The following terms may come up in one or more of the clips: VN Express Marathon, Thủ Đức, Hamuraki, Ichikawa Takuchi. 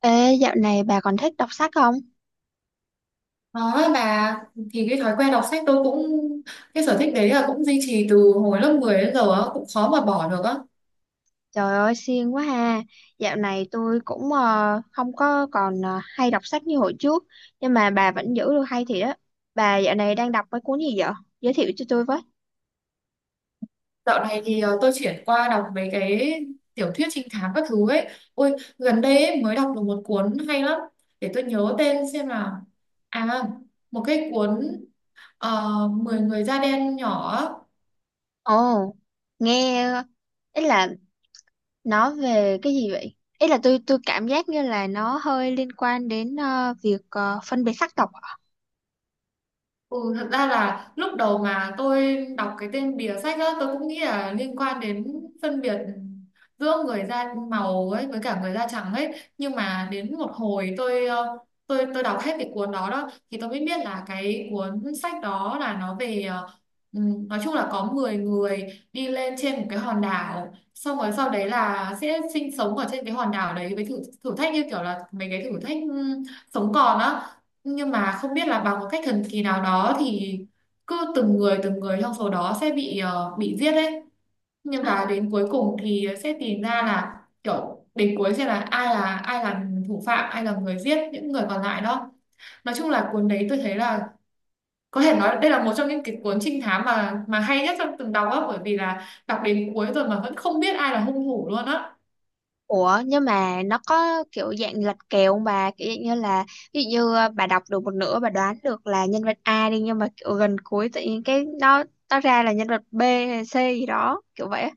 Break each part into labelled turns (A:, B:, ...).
A: Ê, dạo này bà còn thích đọc sách không?
B: Đó bà thì cái thói quen đọc sách tôi cũng cái sở thích đấy là cũng duy trì từ hồi lớp 10 đến giờ á, cũng khó mà bỏ được á.
A: Trời ơi, siêng quá ha. Dạo này tôi cũng không có còn hay đọc sách như hồi trước, nhưng mà bà vẫn giữ được hay thiệt đó. Bà dạo này đang đọc mấy cuốn gì vậy? Giới thiệu cho tôi với.
B: Dạo này thì tôi chuyển qua đọc mấy cái tiểu thuyết trinh thám các thứ ấy. Ôi gần đây ấy, mới đọc được một cuốn hay lắm. Để tôi nhớ tên xem nào. À, một cái cuốn 10 người da đen nhỏ.
A: Ồ, nghe ý là nó về cái gì vậy? Ý là tôi cảm giác như là nó hơi liên quan đến việc phân biệt sắc tộc.
B: Ừ, thật ra là lúc đầu mà tôi đọc cái tên bìa sách á, tôi cũng nghĩ là liên quan đến phân biệt giữa người da màu ấy với cả người da trắng ấy. Nhưng mà đến một hồi tôi tôi đọc hết cái cuốn đó đó thì tôi mới biết là cái cuốn sách đó là nó về nói chung là có 10 người đi lên trên một cái hòn đảo, xong rồi sau đấy là sẽ sinh sống ở trên cái hòn đảo đấy với thử thử thách, như kiểu là mấy cái thử thách sống còn á, nhưng mà không biết là bằng một cách thần kỳ nào đó thì cứ từng người trong số đó sẽ bị giết đấy, nhưng mà đến cuối cùng thì sẽ tìm ra là kiểu đến cuối sẽ là ai là thủ phạm, ai là người giết những người còn lại đó. Nói chung là cuốn đấy tôi thấy là có thể nói đây là một trong những cái cuốn trinh thám mà hay nhất trong từng đọc á, bởi vì là đọc đến cuối rồi mà vẫn không biết ai là hung thủ luôn á.
A: Ủa nhưng mà nó có kiểu dạng lật kèo không bà, kiểu dạng như là ví dụ như bà đọc được một nửa bà đoán được là nhân vật A đi, nhưng mà kiểu gần cuối tự nhiên cái nó ra là nhân vật B hay C gì đó kiểu vậy á.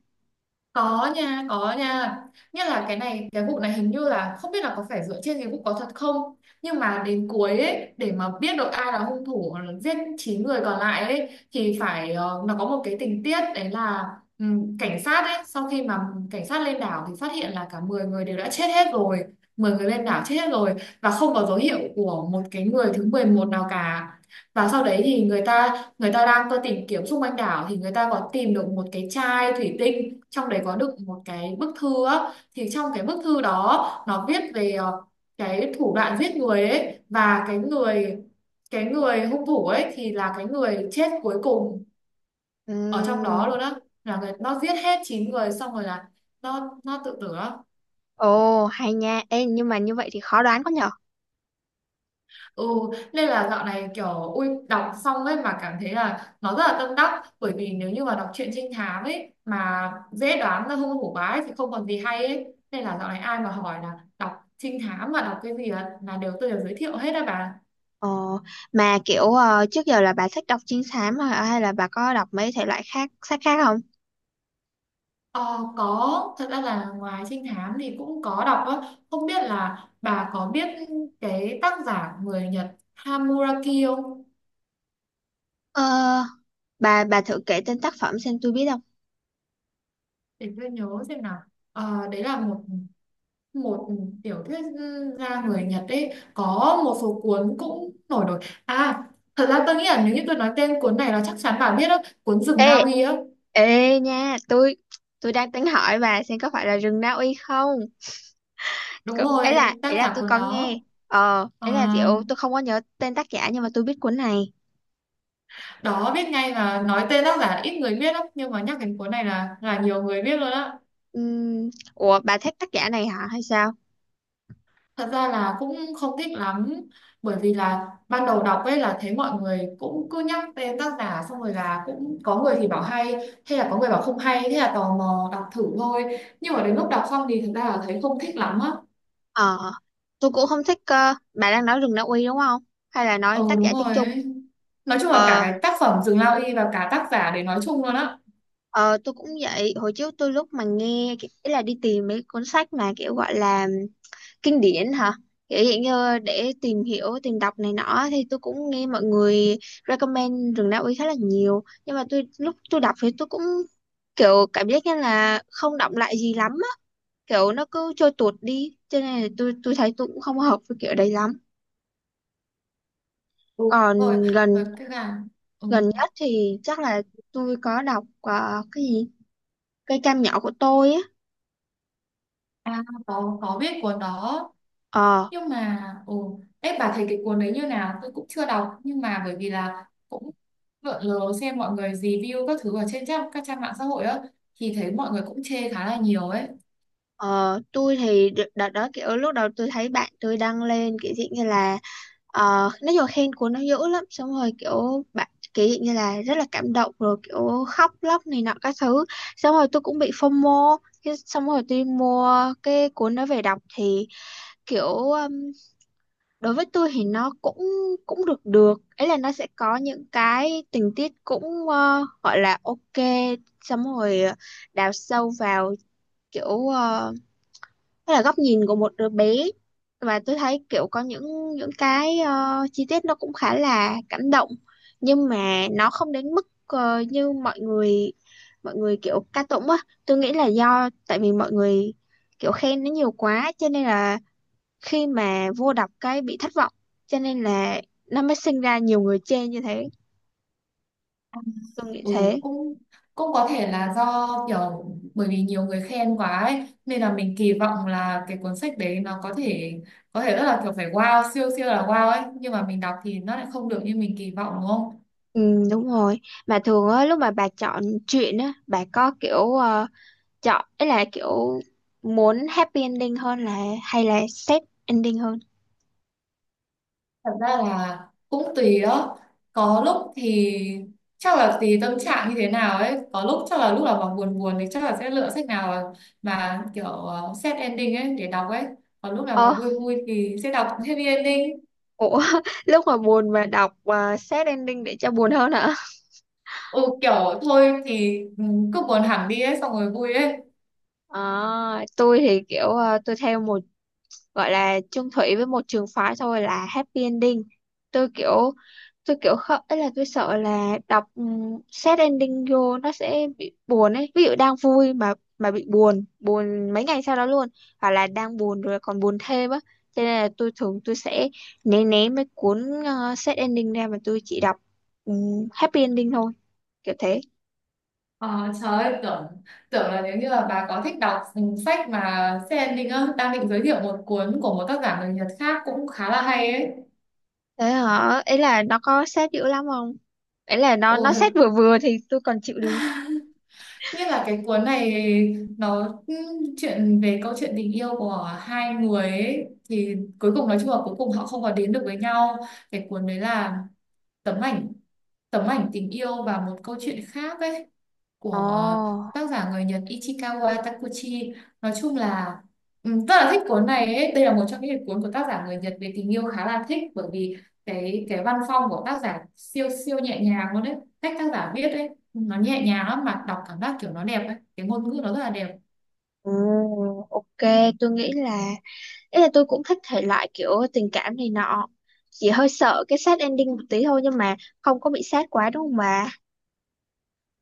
B: Có nha, có nha. Nhất là cái này, cái vụ này hình như là không biết là có phải dựa trên cái vụ có thật không. Nhưng mà đến cuối ấy, để mà biết được ai là hung thủ giết 9 người còn lại ấy, thì phải nó có một cái tình tiết đấy là cảnh sát ấy, sau khi mà cảnh sát lên đảo thì phát hiện là cả 10 người đều đã chết hết rồi. Mười người lên đảo chết hết rồi, và không có dấu hiệu của một cái người thứ 11 nào cả. Và sau đấy thì người ta đang tôi tìm kiếm xung quanh đảo, thì người ta có tìm được một cái chai thủy tinh, trong đấy có đựng một cái bức thư á, thì trong cái bức thư đó nó viết về cái thủ đoạn giết người ấy, và cái người hung thủ ấy thì là cái người chết cuối cùng ở trong đó
A: Ừm.
B: luôn á, là người nó giết hết 9 người xong rồi là nó tự tử á.
A: Ồ hay nha. Ê, nhưng mà như vậy thì khó đoán quá nhở.
B: Ừ, nên là dạo này kiểu ui đọc xong ấy mà cảm thấy là nó rất là tâm đắc, bởi vì nếu như mà đọc truyện trinh thám ấy mà dễ đoán ra hung thủ bá ấy, thì không còn gì hay ấy, nên là dạo này ai mà hỏi là đọc trinh thám mà đọc cái gì á, là đều tôi đều giới thiệu hết á bà.
A: Ờ, mà kiểu trước giờ là bà thích đọc trinh thám hả? Hay là bà có đọc mấy thể loại khác, sách khác không?
B: Ờ, có, thật ra là ngoài trinh thám thì cũng có đọc á, không biết là bà có biết cái tác giả người Nhật Hamuraki không.
A: Ờ, bà thử kể tên tác phẩm xem tôi biết không.
B: Để tôi nhớ xem nào. Ờ, đấy là một một tiểu thuyết gia người Nhật ấy, có một số cuốn cũng nổi nổi. À, thật ra tôi nghĩ là nếu như tôi nói tên cuốn này là chắc chắn bạn biết đó, cuốn Rừng Na
A: Ê,
B: Uy á.
A: ê nha, tôi đang tính hỏi bà xem có phải là rừng Na Uy không? C
B: Đúng rồi,
A: ấy là
B: tác giả
A: tôi
B: cuốn
A: có nghe.
B: đó.
A: Ờ,
B: À,
A: ấy là kiểu tôi không có nhớ tên tác giả nhưng mà tôi biết cuốn này.
B: đó biết ngay là nói tên tác giả là ít người biết lắm, nhưng mà nhắc đến cuốn này là nhiều người biết luôn á.
A: Ừm, ủa bà thích tác giả này hả hay sao?
B: Thật ra là cũng không thích lắm, bởi vì là ban đầu đọc ấy là thấy mọi người cũng cứ nhắc tên tác giả, xong rồi là cũng có người thì bảo hay, hay là có người bảo không hay, thế là tò mò đọc thử thôi, nhưng mà đến lúc đọc xong thì thật ra là thấy không thích lắm á.
A: Ờ, tôi cũng không thích. Ờ, bà đang nói rừng Na Uy đúng không? Hay là nói
B: Ờ
A: tác
B: Đúng
A: giả chung
B: rồi
A: chung?
B: ấy. Nói chung là cả
A: Ờ,
B: cái tác phẩm Rừng Lao Y và cả tác giả để nói chung luôn á.
A: ờ tôi cũng vậy, hồi trước tôi lúc mà nghe, ý là đi tìm mấy cuốn sách mà kiểu gọi là kinh điển hả, kiểu hiện như để tìm hiểu tìm đọc này nọ, thì tôi cũng nghe mọi người recommend rừng Na Uy khá là nhiều, nhưng mà tôi lúc tôi đọc thì tôi cũng kiểu cảm giác như là không đọng lại gì lắm á, kiểu nó cứ trôi tuột đi, cho nên là tôi thấy tôi cũng không hợp với kiểu đấy lắm.
B: Ừ, đúng rồi.
A: Còn
B: Rồi
A: gần
B: cái là ừ.
A: gần nhất thì chắc là tôi có đọc cái gì, cây cam nhỏ của tôi á.
B: À, có biết cuốn đó.
A: Ờ.
B: Nhưng mà ồ, đấy bà thấy cái cuốn đấy như nào, tôi cũng chưa đọc, nhưng mà bởi vì là cũng lượn lờ xem mọi người review các thứ ở trên trang các trang mạng xã hội á, thì thấy mọi người cũng chê khá là nhiều ấy.
A: Ờ, tôi thì đợt đó kiểu lúc đầu tôi thấy bạn tôi đăng lên kiểu dạng như là ờ, nói chung là khen cuốn nó dữ lắm, xong rồi kiểu bạn kiểu dạng như là rất là cảm động, rồi kiểu khóc lóc này nọ các thứ, xong rồi tôi cũng bị FOMO. Thế xong rồi tôi mua cái cuốn đó về đọc thì kiểu đối với tôi thì nó cũng cũng được được, ấy là nó sẽ có những cái tình tiết cũng gọi là ok, xong rồi đào sâu vào kiểu hay là góc nhìn của một đứa bé, và tôi thấy kiểu có những cái chi tiết nó cũng khá là cảm động, nhưng mà nó không đến mức như mọi người kiểu ca tụng á. Tôi nghĩ là do tại vì mọi người kiểu khen nó nhiều quá cho nên là khi mà vô đọc cái bị thất vọng, cho nên là nó mới sinh ra nhiều người chê như thế, tôi nghĩ
B: Ừ,
A: thế.
B: cũng cũng có thể là do kiểu bởi vì nhiều người khen quá ấy, nên là mình kỳ vọng là cái cuốn sách đấy nó có thể rất là kiểu phải wow, siêu siêu là wow ấy, nhưng mà mình đọc thì nó lại không được như mình kỳ vọng, đúng không.
A: Ừ, đúng rồi. Mà thường á lúc mà bà chọn truyện á, bà có kiểu chọn ấy là kiểu muốn happy ending hơn là, hay là sad ending hơn?
B: Thật ra là cũng tùy đó. Có lúc thì chắc là tùy tâm trạng như thế nào ấy. Có lúc chắc là lúc nào mà buồn buồn thì chắc là sẽ lựa sách nào mà kiểu sad ending ấy để đọc ấy. Còn lúc nào mà
A: Ờ
B: vui vui thì sẽ đọc happy ending.
A: ủa lúc mà buồn mà đọc sad ending để cho buồn hơn hả?
B: Ừ, kiểu thôi thì ừ, cứ buồn hẳn đi ấy xong rồi vui ấy.
A: Ờ, tôi thì kiểu tôi theo một, gọi là chung thủy với một trường phái thôi, là happy ending. Tôi kiểu không, ấy là tôi sợ là đọc sad ending vô nó sẽ bị buồn ấy, ví dụ đang vui mà bị buồn buồn mấy ngày sau đó luôn, hoặc là đang buồn rồi còn buồn thêm á, cho nên là tôi thường tôi sẽ né né mấy cuốn sad ending ra, mà tôi chỉ đọc happy ending thôi, kiểu thế.
B: Ờ, trời ơi, tưởng tưởng là nếu như là bà có thích đọc sách mà sad ending á, đang định giới thiệu một cuốn của một tác giả người Nhật khác cũng khá là hay ấy.
A: Thế hả, ấy là nó có sad dữ lắm không? Ấy là nó sad
B: Ừ,
A: vừa vừa thì tôi còn chịu được.
B: nghĩa là cái cuốn này nó chuyện về câu chuyện tình yêu của hai người ấy, thì cuối cùng nói chung là cuối cùng họ không có đến được với nhau. Cái cuốn đấy là tấm ảnh tấm ảnh tình yêu và một câu chuyện khác ấy, của
A: Ồ,
B: tác giả người Nhật Ichikawa Takuchi. Nói chung là rất là thích cuốn này ấy. Đây là một trong những cuốn của tác giả người Nhật về tình yêu khá là thích, bởi vì cái văn phong của tác giả siêu siêu nhẹ nhàng luôn đấy. Cách tác giả viết ấy nó nhẹ nhàng lắm, mà đọc cảm giác kiểu nó đẹp ấy, cái ngôn ngữ nó rất là đẹp.
A: ừ, ok, tôi nghĩ là. Ý là tôi cũng thích thể loại kiểu tình cảm này nọ. Chỉ hơi sợ cái sad ending một tí thôi, nhưng mà không có bị sad quá đúng không bà?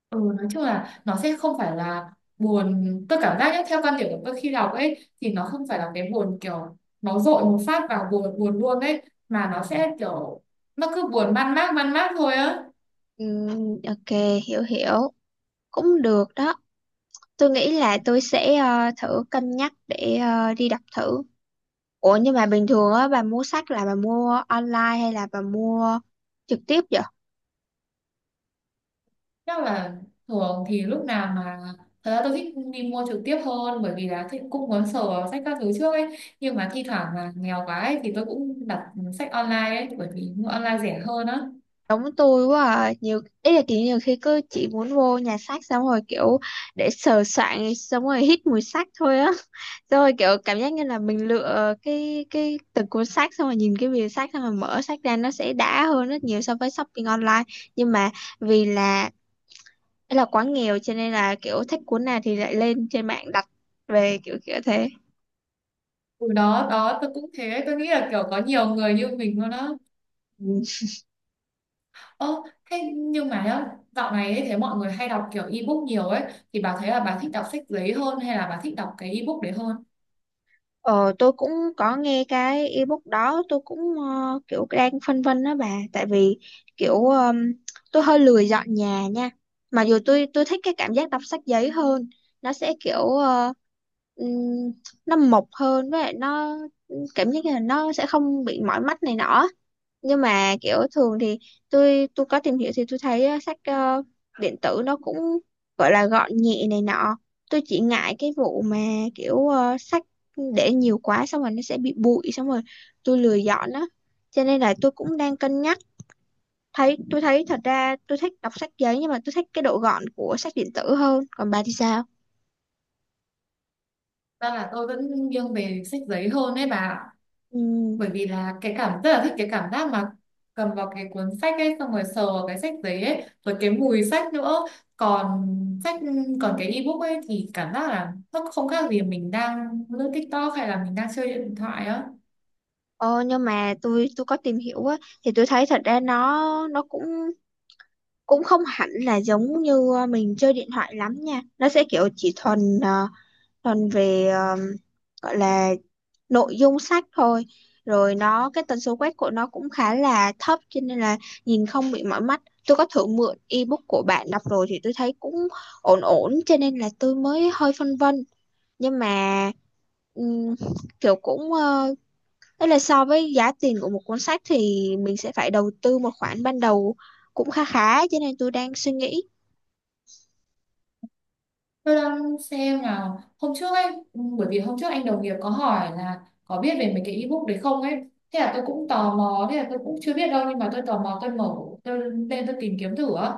B: Ừ, nói chung là nó sẽ không phải là buồn, tôi cảm giác nhé, theo quan điểm của tôi khi đọc ấy thì nó không phải là cái buồn kiểu nó dội một phát vào buồn buồn luôn ấy, mà nó sẽ kiểu nó cứ buồn man mác thôi á.
A: Ok, hiểu hiểu. Cũng được đó. Tôi nghĩ là tôi sẽ thử cân nhắc để đi đọc thử. Ủa nhưng mà bình thường á bà mua sách là bà mua online hay là bà mua trực tiếp?
B: Chắc là thường thì lúc nào mà thật ra tôi thích đi mua trực tiếp hơn, bởi vì là thích cũng muốn sờ vào sách các thứ trước ấy, nhưng mà thi thoảng mà nghèo quá ấy thì tôi cũng đặt sách online ấy, bởi vì mua online rẻ hơn á.
A: Giống tôi quá à. Nhiều, ý là kiểu nhiều khi cứ chỉ muốn vô nhà xác xong rồi kiểu để sờ soạng xong rồi hít mùi xác thôi á. Xong rồi kiểu cảm giác như là mình lựa cái từng cuốn xác, xong rồi nhìn cái bìa xác, xong rồi mở xác ra nó sẽ đã hơn rất nhiều so với shopping online. Nhưng mà vì là, ý là quá nghèo cho nên là kiểu thích cuốn nào thì lại lên trên mạng đặt về, kiểu kiểu thế.
B: Ừ, đó đó tôi cũng thế, tôi nghĩ là kiểu có nhiều người như mình luôn á. Ơ, thế nhưng mà nhá, dạo này ấy, thấy mọi người hay đọc kiểu ebook nhiều ấy, thì bà thấy là bà thích đọc sách giấy hơn hay là bà thích đọc cái ebook đấy hơn?
A: Ờ, tôi cũng có nghe cái ebook đó, tôi cũng kiểu đang phân vân đó bà, tại vì kiểu tôi hơi lười dọn nhà nha, mà dù tôi thích cái cảm giác đọc sách giấy hơn, nó sẽ kiểu ừm, nó mộc hơn với lại nó cảm giác như là nó sẽ không bị mỏi mắt này nọ. Nhưng mà kiểu thường thì tôi có tìm hiểu thì tôi thấy sách điện tử nó cũng gọi là gọn nhẹ này nọ. Tôi chỉ ngại cái vụ mà kiểu sách để nhiều quá xong rồi nó sẽ bị bụi, xong rồi tôi lười dọn á, cho nên là tôi cũng đang cân nhắc. Thấy tôi thấy thật ra tôi thích đọc sách giấy nhưng mà tôi thích cái độ gọn của sách điện tử hơn, còn bà thì sao?
B: Ra là tôi vẫn nghiêng về sách giấy hơn ấy bà ạ.
A: Ừ.
B: Bởi vì là cái cảm rất là thích cái cảm giác mà cầm vào cái cuốn sách ấy, xong rồi sờ vào cái sách giấy ấy, rồi cái mùi sách nữa. còn sách Còn cái ebook ấy thì cảm giác là nó không khác gì mình đang lướt TikTok hay là mình đang chơi điện thoại á.
A: Ờ, nhưng mà tôi có tìm hiểu á, thì tôi thấy thật ra nó cũng cũng không hẳn là giống như mình chơi điện thoại lắm nha, nó sẽ kiểu chỉ thuần thuần về gọi là nội dung sách thôi, rồi nó cái tần số quét của nó cũng khá là thấp cho nên là nhìn không bị mỏi mắt. Tôi có thử mượn ebook của bạn đọc rồi thì tôi thấy cũng ổn ổn, cho nên là tôi mới hơi phân vân. Nhưng mà ừm, kiểu cũng ấy là so với giá tiền của một cuốn sách thì mình sẽ phải đầu tư một khoản ban đầu cũng khá khá, cho nên tôi đang suy nghĩ.
B: Tôi đang xem nào, hôm trước ấy, ừ, bởi vì hôm trước anh đồng nghiệp có hỏi là có biết về mấy cái ebook đấy không ấy, thế là tôi cũng tò mò, thế là tôi cũng chưa biết đâu, nhưng mà tôi tò mò tôi mở tôi lên tôi tìm kiếm thử á,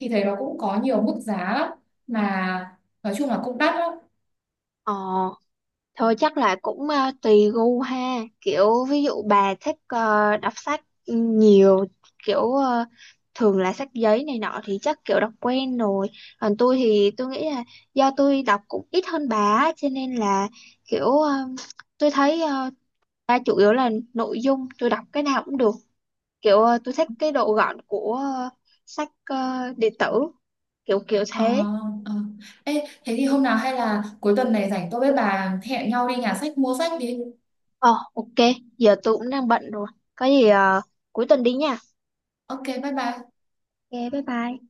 B: thì thấy nó cũng có nhiều mức giá lắm, mà nói chung là cũng đắt lắm.
A: Ờ. Thôi chắc là cũng tùy gu ha, kiểu ví dụ bà thích đọc sách nhiều, kiểu thường là sách giấy này nọ thì chắc kiểu đọc quen rồi, còn tôi thì tôi nghĩ là do tôi đọc cũng ít hơn bà á, cho nên là kiểu tôi thấy ba chủ yếu là nội dung, tôi đọc cái nào cũng được, kiểu tôi thích cái độ gọn của sách điện tử, kiểu kiểu
B: Ờ,
A: thế.
B: ờ. Ê, thế thì hôm nào hay là cuối tuần này rảnh tôi với bà hẹn nhau đi nhà sách mua sách đi.
A: Ờ ok, giờ tôi cũng đang bận rồi, có gì cuối tuần đi nha.
B: OK, bye bye.
A: Ok, bye bye.